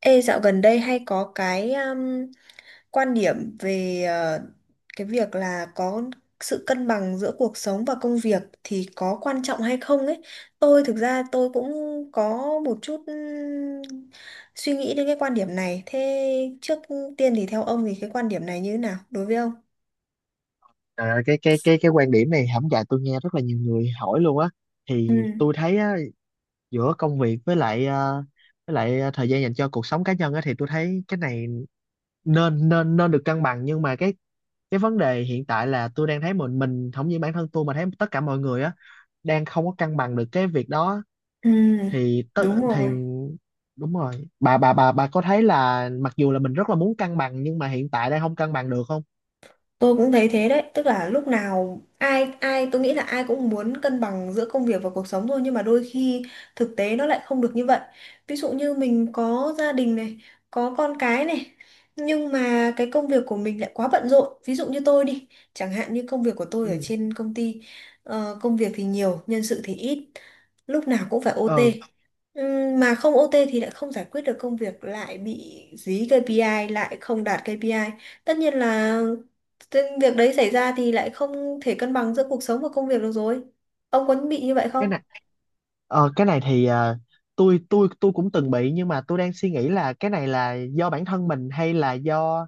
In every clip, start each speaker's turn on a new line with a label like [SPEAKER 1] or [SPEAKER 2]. [SPEAKER 1] Ê, dạo gần đây hay có cái quan điểm về cái việc là có sự cân bằng giữa cuộc sống và công việc thì có quan trọng hay không ấy. Tôi thực ra tôi cũng có một chút suy nghĩ đến cái quan điểm này. Thế trước tiên thì theo ông thì cái quan điểm này như thế nào đối với ông?
[SPEAKER 2] Trời ơi, cái quan điểm này hổng dạy tôi nghe rất là nhiều người hỏi luôn á,
[SPEAKER 1] Ừ,
[SPEAKER 2] thì tôi thấy á, giữa công việc với lại với lại thời gian dành cho cuộc sống cá nhân á thì tôi thấy cái này nên nên nên được cân bằng, nhưng mà cái vấn đề hiện tại là tôi đang thấy mình không những bản thân tôi mà thấy tất cả mọi người á đang không có cân bằng được cái việc đó.
[SPEAKER 1] ừ,
[SPEAKER 2] thì tớ-
[SPEAKER 1] đúng
[SPEAKER 2] thì
[SPEAKER 1] rồi.
[SPEAKER 2] đúng rồi, bà có thấy là mặc dù là mình rất là muốn cân bằng nhưng mà hiện tại đang không cân bằng được không?
[SPEAKER 1] Tôi cũng thấy thế đấy, tức là lúc nào ai ai tôi nghĩ là ai cũng muốn cân bằng giữa công việc và cuộc sống thôi, nhưng mà đôi khi thực tế nó lại không được như vậy. Ví dụ như mình có gia đình này, có con cái này, nhưng mà cái công việc của mình lại quá bận rộn. Ví dụ như tôi đi, chẳng hạn như công việc của tôi ở
[SPEAKER 2] Ừ.
[SPEAKER 1] trên công ty, công việc thì nhiều, nhân sự thì ít, lúc nào cũng phải
[SPEAKER 2] ờ
[SPEAKER 1] OT. Mà không OT thì lại không giải quyết được công việc, lại bị dí KPI, lại không đạt KPI. Tất nhiên là thế việc đấy xảy ra thì lại không thể cân bằng giữa cuộc sống và công việc được rồi. Ông có bị như vậy
[SPEAKER 2] cái
[SPEAKER 1] không?
[SPEAKER 2] này cái này thì tôi cũng từng bị, nhưng mà tôi đang suy nghĩ là cái này là do bản thân mình hay là do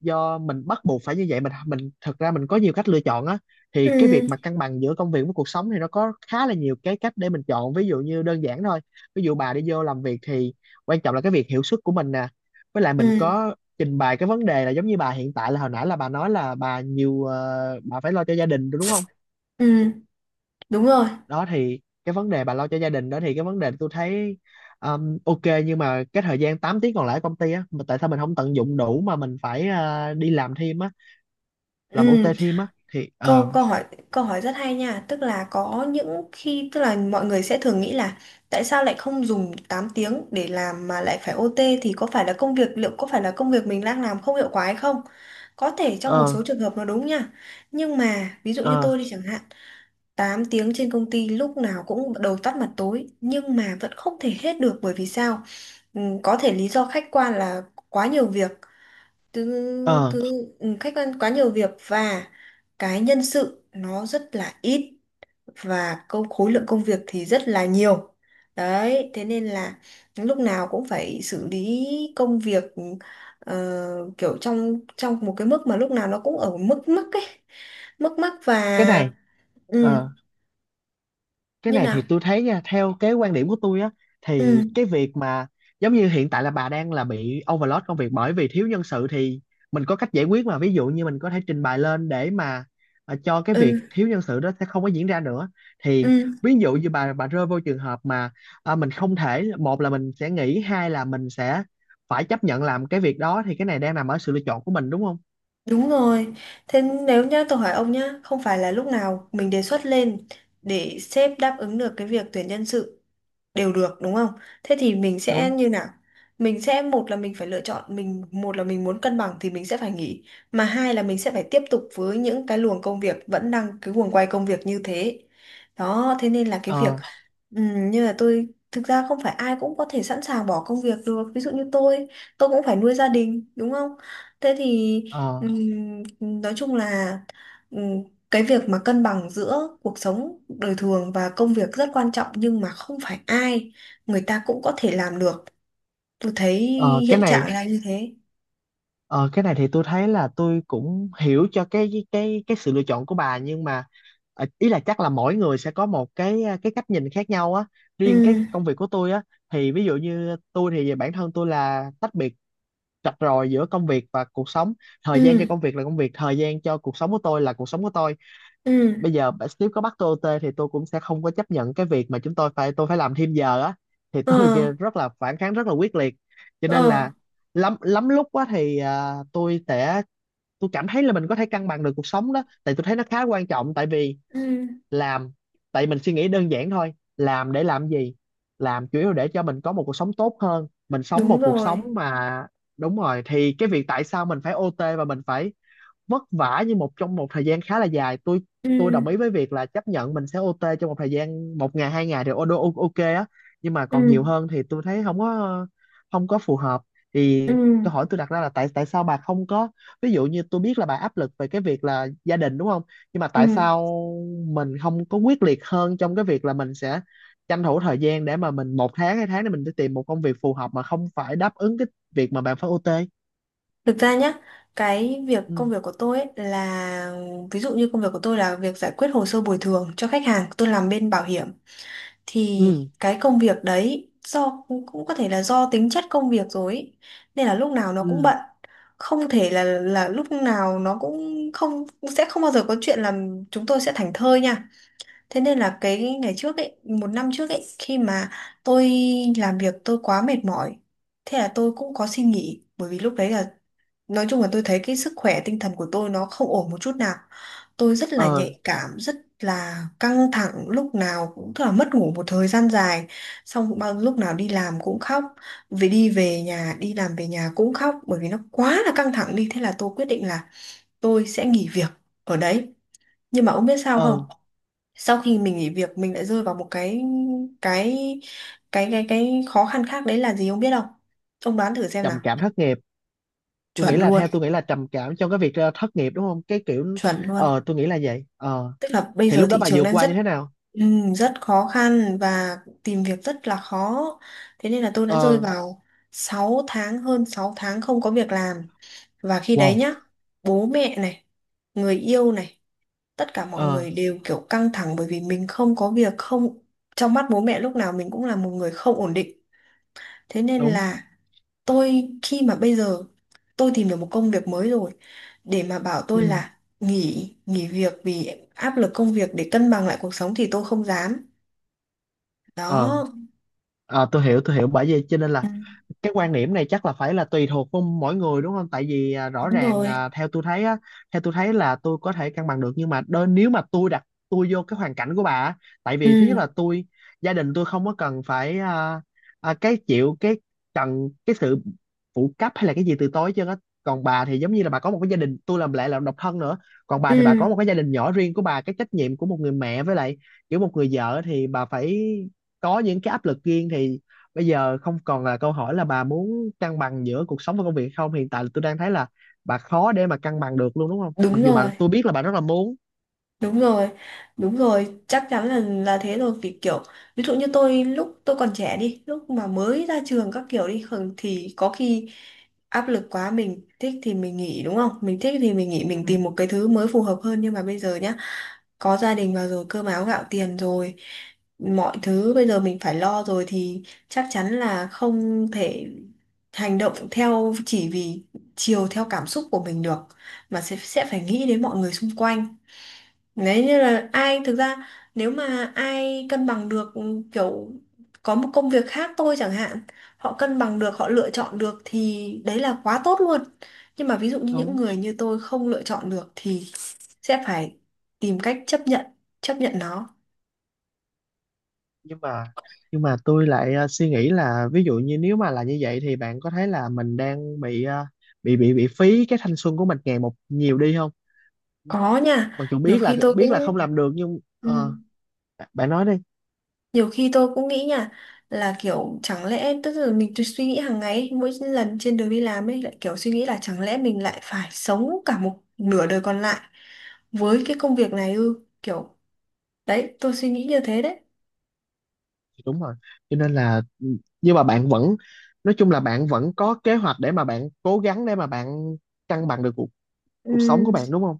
[SPEAKER 2] do mình bắt buộc phải như vậy. Mình thật ra mình có nhiều cách lựa chọn á, thì cái
[SPEAKER 1] Ừ,
[SPEAKER 2] việc mà cân bằng giữa công việc với cuộc sống thì nó có khá là nhiều cái cách để mình chọn, ví dụ như đơn giản thôi. Ví dụ bà đi vô làm việc thì quan trọng là cái việc hiệu suất của mình nè, với lại mình
[SPEAKER 1] ừ,
[SPEAKER 2] có trình bày cái vấn đề là giống như bà hiện tại, là hồi nãy là bà nói là bà nhiều bà phải lo cho gia đình đúng không?
[SPEAKER 1] ừ, đúng rồi.
[SPEAKER 2] Đó thì cái vấn đề bà lo cho gia đình đó, thì cái vấn đề tôi thấy ok, nhưng mà cái thời gian 8 tiếng còn lại ở công ty á, mà tại sao mình không tận dụng đủ mà mình phải đi làm thêm á, làm
[SPEAKER 1] Ừ,
[SPEAKER 2] OT thêm á thì
[SPEAKER 1] câu câu hỏi rất hay nha, tức là có những khi tức là mọi người sẽ thường nghĩ là tại sao lại không dùng 8 tiếng để làm mà lại phải OT, thì có phải là công việc, liệu có phải là công việc mình đang làm không hiệu quả hay không? Có thể trong một
[SPEAKER 2] ờ
[SPEAKER 1] số trường hợp nó đúng nha. Nhưng mà ví dụ như
[SPEAKER 2] ờ
[SPEAKER 1] tôi đi chẳng hạn, 8 tiếng trên công ty lúc nào cũng đầu tắt mặt tối nhưng mà vẫn không thể hết được bởi vì sao? Ừ, có thể lý do khách quan là quá nhiều việc. Thứ
[SPEAKER 2] ờ
[SPEAKER 1] thứ ừ, Khách quan quá nhiều việc và cái nhân sự nó rất là ít, và câu khối lượng công việc thì rất là nhiều. Đấy, thế nên là lúc nào cũng phải xử lý công việc, ờ, kiểu trong trong một cái mức mà lúc nào nó cũng ở mức mức ấy, mức mắc và
[SPEAKER 2] cái này
[SPEAKER 1] ừ,
[SPEAKER 2] ờ cái
[SPEAKER 1] như
[SPEAKER 2] này
[SPEAKER 1] nào.
[SPEAKER 2] thì tôi thấy nha, theo cái quan điểm của tôi á,
[SPEAKER 1] Ừ,
[SPEAKER 2] thì cái việc mà giống như hiện tại là bà đang là bị overload công việc bởi vì thiếu nhân sự, thì mình có cách giải quyết mà, ví dụ như mình có thể trình bày lên để mà cho cái việc
[SPEAKER 1] ừ,
[SPEAKER 2] thiếu nhân sự đó sẽ không có diễn ra nữa. Thì
[SPEAKER 1] ừ,
[SPEAKER 2] ví dụ như bà rơi vô trường hợp mà mình không thể, một là mình sẽ nghỉ, hai là mình sẽ phải chấp nhận làm cái việc đó, thì cái này đang nằm ở sự lựa chọn của mình đúng không?
[SPEAKER 1] đúng rồi. Thế nếu nhá, tôi hỏi ông nhá, không phải là lúc nào mình đề xuất lên để sếp đáp ứng được cái việc tuyển nhân sự đều được đúng không? Thế thì mình sẽ
[SPEAKER 2] Đúng.
[SPEAKER 1] như nào? Mình sẽ một là mình phải lựa chọn, mình một là mình muốn cân bằng thì mình sẽ phải nghỉ, mà hai là mình sẽ phải tiếp tục với những cái luồng công việc vẫn đang cái guồng quay công việc như thế. Đó, thế nên là cái việc
[SPEAKER 2] ờ
[SPEAKER 1] như là tôi, thực ra không phải ai cũng có thể sẵn sàng bỏ công việc được. Ví dụ như tôi cũng phải nuôi gia đình đúng không? Thế thì
[SPEAKER 2] ờ
[SPEAKER 1] ừm, nói chung là cái việc mà cân bằng giữa cuộc sống đời thường và công việc rất quan trọng, nhưng mà không phải ai người ta cũng có thể làm được, tôi thấy
[SPEAKER 2] ờ cái
[SPEAKER 1] hiện trạng
[SPEAKER 2] này
[SPEAKER 1] là như thế.
[SPEAKER 2] Ờ, cái này thì tôi thấy là tôi cũng hiểu cho cái sự lựa chọn của bà, nhưng mà ý là chắc là mỗi người sẽ có một cái cái cách nhìn khác nhau á. Riêng cái
[SPEAKER 1] Ừ.
[SPEAKER 2] công việc của tôi á, thì ví dụ như tôi thì bản thân tôi là tách biệt rạch ròi giữa công việc và cuộc sống.
[SPEAKER 1] Ừ.
[SPEAKER 2] Thời gian cho công việc là công việc, thời gian cho cuộc sống của tôi là cuộc sống của tôi.
[SPEAKER 1] Ừ.
[SPEAKER 2] Bây giờ sếp có bắt tôi OT thì tôi cũng sẽ không có chấp nhận cái việc mà chúng tôi phải làm thêm giờ á, thì
[SPEAKER 1] Ờ.
[SPEAKER 2] tôi kia rất là phản kháng, rất là quyết liệt. Cho
[SPEAKER 1] Ờ.
[SPEAKER 2] nên là lắm lắm lúc á thì tôi cảm thấy là mình có thể cân bằng được cuộc sống đó, tại tôi thấy nó khá quan trọng, tại vì
[SPEAKER 1] Ừ,
[SPEAKER 2] làm, tại mình suy nghĩ đơn giản thôi, làm để làm gì? Làm chủ yếu để cho mình có một cuộc sống tốt hơn, mình sống
[SPEAKER 1] đúng
[SPEAKER 2] một cuộc
[SPEAKER 1] rồi.
[SPEAKER 2] sống mà, đúng rồi, thì cái việc tại sao mình phải OT và mình phải vất vả như một trong một thời gian khá là dài, tôi đồng
[SPEAKER 1] Ừ.
[SPEAKER 2] ý với việc là chấp nhận mình sẽ OT trong một thời gian một ngày hai ngày thì ok á, nhưng mà
[SPEAKER 1] Ừ.
[SPEAKER 2] còn nhiều hơn thì tôi thấy không có phù hợp.
[SPEAKER 1] Ừ.
[SPEAKER 2] Thì câu hỏi tôi đặt ra là tại tại sao bà không có, ví dụ như tôi biết là bà áp lực về cái việc là gia đình đúng không, nhưng mà
[SPEAKER 1] Ừ.
[SPEAKER 2] tại sao mình không có quyết liệt hơn trong cái việc là mình sẽ tranh thủ thời gian để mà mình một tháng hai tháng để mình đi tìm một công việc phù hợp mà không phải đáp ứng cái việc mà bạn phải OT.
[SPEAKER 1] Thực ra nhá, cái việc công
[SPEAKER 2] Ừ.
[SPEAKER 1] việc của tôi ấy là, ví dụ như công việc của tôi là việc giải quyết hồ sơ bồi thường cho khách hàng, tôi làm bên bảo hiểm, thì
[SPEAKER 2] Ừ.
[SPEAKER 1] cái công việc đấy do cũng cũng có thể là do tính chất công việc rồi ấy. Nên là lúc nào nó cũng
[SPEAKER 2] Ừ.
[SPEAKER 1] bận. Không thể là lúc nào nó cũng không, sẽ không bao giờ có chuyện là chúng tôi sẽ thảnh thơi nha. Thế nên là cái ngày trước ấy, một năm trước ấy, khi mà tôi làm việc tôi quá mệt mỏi, thế là tôi cũng có xin nghỉ, bởi vì lúc đấy là nói chung là tôi thấy cái sức khỏe tinh thần của tôi nó không ổn một chút nào. Tôi rất là
[SPEAKER 2] Ờ.
[SPEAKER 1] nhạy cảm, rất là căng thẳng, lúc nào cũng tức là mất ngủ một thời gian dài, xong bao lúc nào đi làm cũng khóc, về đi về nhà, đi làm về nhà cũng khóc, bởi vì nó quá là căng thẳng đi, thế là tôi quyết định là tôi sẽ nghỉ việc ở đấy. Nhưng mà ông biết sao
[SPEAKER 2] Ờ.
[SPEAKER 1] không? Sau khi mình nghỉ việc mình lại rơi vào một cái cái khó khăn khác, đấy là gì ông biết không? Ông đoán thử xem nào.
[SPEAKER 2] Trầm cảm thất nghiệp. tôi nghĩ
[SPEAKER 1] Chuẩn
[SPEAKER 2] là
[SPEAKER 1] luôn,
[SPEAKER 2] theo tôi nghĩ là trầm cảm trong cái việc thất nghiệp đúng không, cái kiểu
[SPEAKER 1] chuẩn luôn.
[SPEAKER 2] tôi nghĩ là vậy. Ờ
[SPEAKER 1] Tức là bây
[SPEAKER 2] thì
[SPEAKER 1] giờ
[SPEAKER 2] lúc đó
[SPEAKER 1] thị
[SPEAKER 2] bà
[SPEAKER 1] trường
[SPEAKER 2] vượt
[SPEAKER 1] đang
[SPEAKER 2] qua
[SPEAKER 1] rất
[SPEAKER 2] như thế nào?
[SPEAKER 1] rất khó khăn và tìm việc rất là khó, thế nên là tôi đã rơi
[SPEAKER 2] Ờ.
[SPEAKER 1] vào 6 tháng, hơn 6 tháng không có việc làm. Và khi đấy
[SPEAKER 2] Wow.
[SPEAKER 1] nhá, bố mẹ này, người yêu này, tất cả mọi
[SPEAKER 2] Ờ.
[SPEAKER 1] người đều kiểu căng thẳng bởi vì mình không có việc, không, trong mắt bố mẹ lúc nào mình cũng là một người không ổn định. Thế nên
[SPEAKER 2] Đúng.
[SPEAKER 1] là tôi, khi mà bây giờ tôi tìm được một công việc mới rồi, để mà bảo tôi
[SPEAKER 2] Ừ.
[SPEAKER 1] là nghỉ nghỉ việc vì áp lực công việc để cân bằng lại cuộc sống thì tôi không dám.
[SPEAKER 2] Ờ.
[SPEAKER 1] Đó.
[SPEAKER 2] Ờ, tôi hiểu tôi hiểu, bởi vì cho nên là
[SPEAKER 1] Ừ,
[SPEAKER 2] cái quan điểm này chắc là phải là tùy thuộc vào mỗi người đúng không, tại vì rõ
[SPEAKER 1] đúng
[SPEAKER 2] ràng
[SPEAKER 1] rồi.
[SPEAKER 2] theo tôi thấy là tôi có thể cân bằng được, nhưng mà nếu mà tôi đặt tôi vô cái hoàn cảnh của bà á, tại vì
[SPEAKER 1] Ừ.
[SPEAKER 2] thứ nhất là tôi, gia đình tôi không có cần phải cái chịu cái cần cái sự phụ cấp hay là cái gì từ tối chứ á, còn bà thì giống như là bà có một cái gia đình, tôi làm lại là độc thân nữa, còn bà
[SPEAKER 1] Ừ.
[SPEAKER 2] thì bà có một cái gia đình nhỏ riêng của bà, cái trách nhiệm của một người mẹ với lại kiểu một người vợ thì bà phải có những cái áp lực riêng, thì bây giờ không còn là câu hỏi là bà muốn cân bằng giữa cuộc sống và công việc hay không, hiện tại là tôi đang thấy là bà khó để mà cân bằng được luôn đúng không, mặc
[SPEAKER 1] Đúng
[SPEAKER 2] dù bà,
[SPEAKER 1] rồi.
[SPEAKER 2] tôi biết là bà rất là muốn.
[SPEAKER 1] Đúng rồi, đúng rồi, chắc chắn là thế rồi, vì kiểu ví dụ như tôi, lúc tôi còn trẻ đi, lúc mà mới ra trường các kiểu đi thì có khi áp lực quá mình thích thì mình nghỉ đúng không? Mình thích thì mình nghỉ,
[SPEAKER 2] Ừ.
[SPEAKER 1] mình tìm một cái thứ mới phù hợp hơn, nhưng mà bây giờ nhá, có gia đình vào rồi, cơm áo gạo tiền rồi, mọi thứ bây giờ mình phải lo rồi, thì chắc chắn là không thể hành động theo, chỉ vì chiều theo cảm xúc của mình được, mà sẽ phải nghĩ đến mọi người xung quanh. Đấy, như là ai, thực ra nếu mà ai cân bằng được, kiểu có một công việc khác tôi chẳng hạn, họ cân bằng được, họ lựa chọn được thì đấy là quá tốt luôn, nhưng mà ví dụ như những
[SPEAKER 2] Đúng.
[SPEAKER 1] người như tôi không lựa chọn được thì sẽ phải tìm cách chấp nhận, chấp nhận nó.
[SPEAKER 2] Nhưng mà nhưng mà tôi lại suy nghĩ là ví dụ như nếu mà là như vậy thì bạn có thấy là mình đang bị ờ, bị phí cái thanh xuân của mình ngày một nhiều đi không,
[SPEAKER 1] Có nha,
[SPEAKER 2] mặc dù
[SPEAKER 1] nhiều khi tôi
[SPEAKER 2] biết là không
[SPEAKER 1] cũng
[SPEAKER 2] làm được nhưng
[SPEAKER 1] ừ.
[SPEAKER 2] bạn nói đi.
[SPEAKER 1] Nhiều khi tôi cũng nghĩ nha, là kiểu chẳng lẽ, tức là mình cứ suy nghĩ hàng ngày ấy, mỗi lần trên đường đi làm ấy lại kiểu suy nghĩ là chẳng lẽ mình lại phải sống cả một nửa đời còn lại với cái công việc này ư, kiểu đấy tôi suy nghĩ như thế đấy.
[SPEAKER 2] Dạ, đúng rồi, cho nên là nhưng mà bạn vẫn, nói chung là bạn vẫn có kế hoạch để mà bạn cố gắng để mà bạn cân bằng được cuộc sống của
[SPEAKER 1] Ừ.
[SPEAKER 2] bạn đúng không?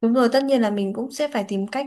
[SPEAKER 1] Đúng rồi, tất nhiên là mình cũng sẽ phải tìm cách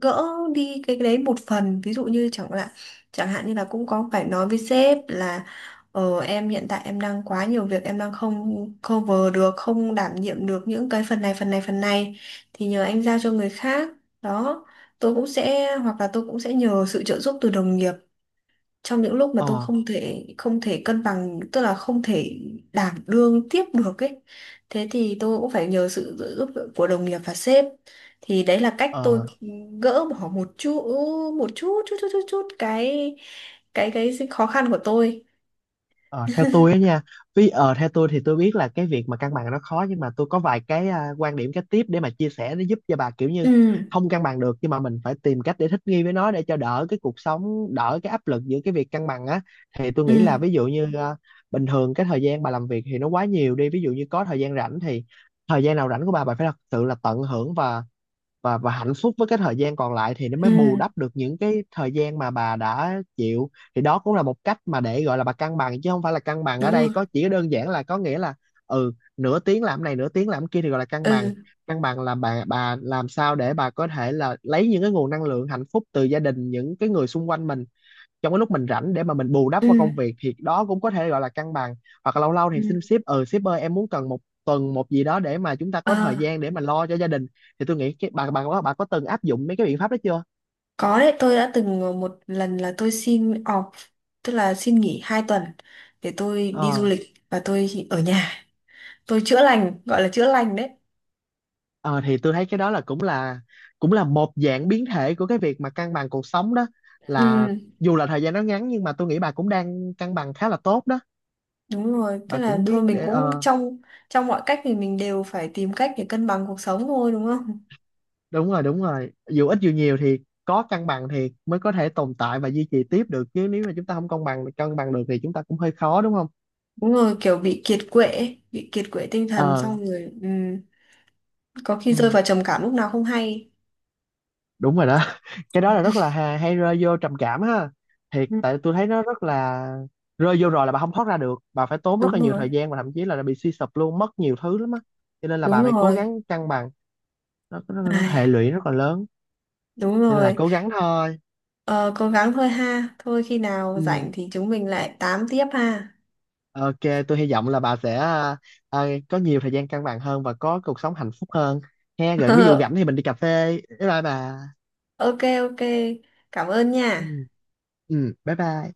[SPEAKER 1] gỡ đi cái đấy một phần. Ví dụ như chẳng hạn, chẳng hạn như là cũng có phải nói với sếp là em hiện tại em đang quá nhiều việc, em đang không cover được, không đảm nhiệm được những cái phần này, phần này, phần này. Thì nhờ anh giao cho người khác. Đó, tôi cũng sẽ, hoặc là tôi cũng sẽ nhờ sự trợ giúp từ đồng nghiệp trong những lúc mà tôi
[SPEAKER 2] Ờ.
[SPEAKER 1] không thể cân bằng, tức là không thể đảm đương tiếp được ấy, thế thì tôi cũng phải nhờ sự trợ giúp của đồng nghiệp và sếp, thì đấy là cách tôi
[SPEAKER 2] Ờ.
[SPEAKER 1] gỡ bỏ một chút, một chút chút chút chút, chút cái khó khăn của tôi.
[SPEAKER 2] Ờ, theo tôi á nha, vì theo tôi thì tôi biết là cái việc mà cân bằng nó khó, nhưng mà tôi có vài cái quan điểm cái tiếp để mà chia sẻ để giúp cho bà, kiểu
[SPEAKER 1] Ừ.
[SPEAKER 2] như không cân bằng được nhưng mà mình phải tìm cách để thích nghi với nó, để cho đỡ cái cuộc sống, đỡ cái áp lực giữa cái việc cân bằng á. Thì tôi
[SPEAKER 1] Ừ.
[SPEAKER 2] nghĩ là ví dụ như bình thường cái thời gian bà làm việc thì nó quá nhiều đi, ví dụ như có thời gian rảnh thì thời gian nào rảnh của bà phải thật sự là tận hưởng, và hạnh phúc với cái thời gian còn lại, thì nó
[SPEAKER 1] Ừ,
[SPEAKER 2] mới bù đắp được những cái thời gian mà bà đã chịu, thì đó cũng là một cách mà để gọi là bà cân bằng, chứ không phải là cân bằng ở
[SPEAKER 1] đúng
[SPEAKER 2] đây
[SPEAKER 1] rồi.
[SPEAKER 2] có chỉ đơn giản là có nghĩa là ừ nửa tiếng làm này nửa tiếng làm kia thì gọi là cân bằng.
[SPEAKER 1] Ừ.
[SPEAKER 2] Cân bằng là bà làm sao để bà có thể là lấy những cái nguồn năng lượng hạnh phúc từ gia đình, những cái người xung quanh mình, trong cái lúc mình rảnh để mà mình bù đắp
[SPEAKER 1] Ừ.
[SPEAKER 2] qua công việc, thì đó cũng có thể gọi là cân bằng. Hoặc là lâu lâu thì xin
[SPEAKER 1] Ừ.
[SPEAKER 2] sếp, ừ sếp ơi em muốn cần một tuần một gì đó để mà chúng ta
[SPEAKER 1] Ờ,
[SPEAKER 2] có thời gian để mà lo cho gia đình. Thì tôi nghĩ cái bà có từng áp dụng mấy cái biện pháp đó chưa?
[SPEAKER 1] có đấy, tôi đã từng một lần là tôi xin off, tức là xin nghỉ 2 tuần để tôi đi du
[SPEAKER 2] Ờ.
[SPEAKER 1] lịch, và tôi ở nhà tôi chữa lành, gọi là chữa lành đấy.
[SPEAKER 2] Ờ, thì tôi thấy cái đó là cũng là một dạng biến thể của cái việc mà cân bằng cuộc sống đó, là
[SPEAKER 1] Ừ,
[SPEAKER 2] dù là thời gian nó ngắn nhưng mà tôi nghĩ bà cũng đang cân bằng khá là tốt đó.
[SPEAKER 1] đúng rồi, tức
[SPEAKER 2] Bà
[SPEAKER 1] là
[SPEAKER 2] cũng
[SPEAKER 1] thôi
[SPEAKER 2] biết
[SPEAKER 1] mình
[SPEAKER 2] để
[SPEAKER 1] cũng
[SPEAKER 2] ờ
[SPEAKER 1] trong trong mọi cách thì mình đều phải tìm cách để cân bằng cuộc sống thôi đúng không.
[SPEAKER 2] Đúng rồi, đúng rồi, dù ít dù nhiều thì có cân bằng thì mới có thể tồn tại và duy trì tiếp được, chứ nếu mà chúng ta không cân bằng được thì chúng ta cũng hơi khó đúng không?
[SPEAKER 1] Đúng rồi, kiểu bị kiệt quệ ấy, bị kiệt quệ tinh thần
[SPEAKER 2] Ờ.
[SPEAKER 1] xong rồi, có khi rơi
[SPEAKER 2] Ừ,
[SPEAKER 1] vào trầm cảm lúc nào không hay.
[SPEAKER 2] đúng rồi đó cái đó là rất là hay, hay rơi vô trầm cảm ha, thiệt,
[SPEAKER 1] Ừ,
[SPEAKER 2] tại tôi thấy nó rất là rơi vô rồi là bà không thoát ra được, bà phải tốn rất
[SPEAKER 1] đúng
[SPEAKER 2] là nhiều thời
[SPEAKER 1] rồi,
[SPEAKER 2] gian và thậm chí là bị suy sụp luôn, mất nhiều thứ lắm á, cho nên là
[SPEAKER 1] đúng
[SPEAKER 2] bà phải cố gắng
[SPEAKER 1] rồi.
[SPEAKER 2] cân bằng nó. Nó
[SPEAKER 1] Ai,
[SPEAKER 2] hệ lụy rất là lớn,
[SPEAKER 1] đúng
[SPEAKER 2] cho nên là
[SPEAKER 1] rồi.
[SPEAKER 2] cố gắng thôi.
[SPEAKER 1] Ờ, cố gắng thôi ha, thôi khi nào
[SPEAKER 2] Ừ.
[SPEAKER 1] rảnh thì chúng mình lại tám tiếp ha.
[SPEAKER 2] Ok, tôi hy vọng là bà sẽ có nhiều thời gian cân bằng hơn và có cuộc sống hạnh phúc hơn. He, rồi ví dụ rảnh thì mình đi cà phê. Bye bye bà.
[SPEAKER 1] Ok. Ok. Cảm ơn
[SPEAKER 2] Ừ,
[SPEAKER 1] nha.
[SPEAKER 2] ừ bye bye.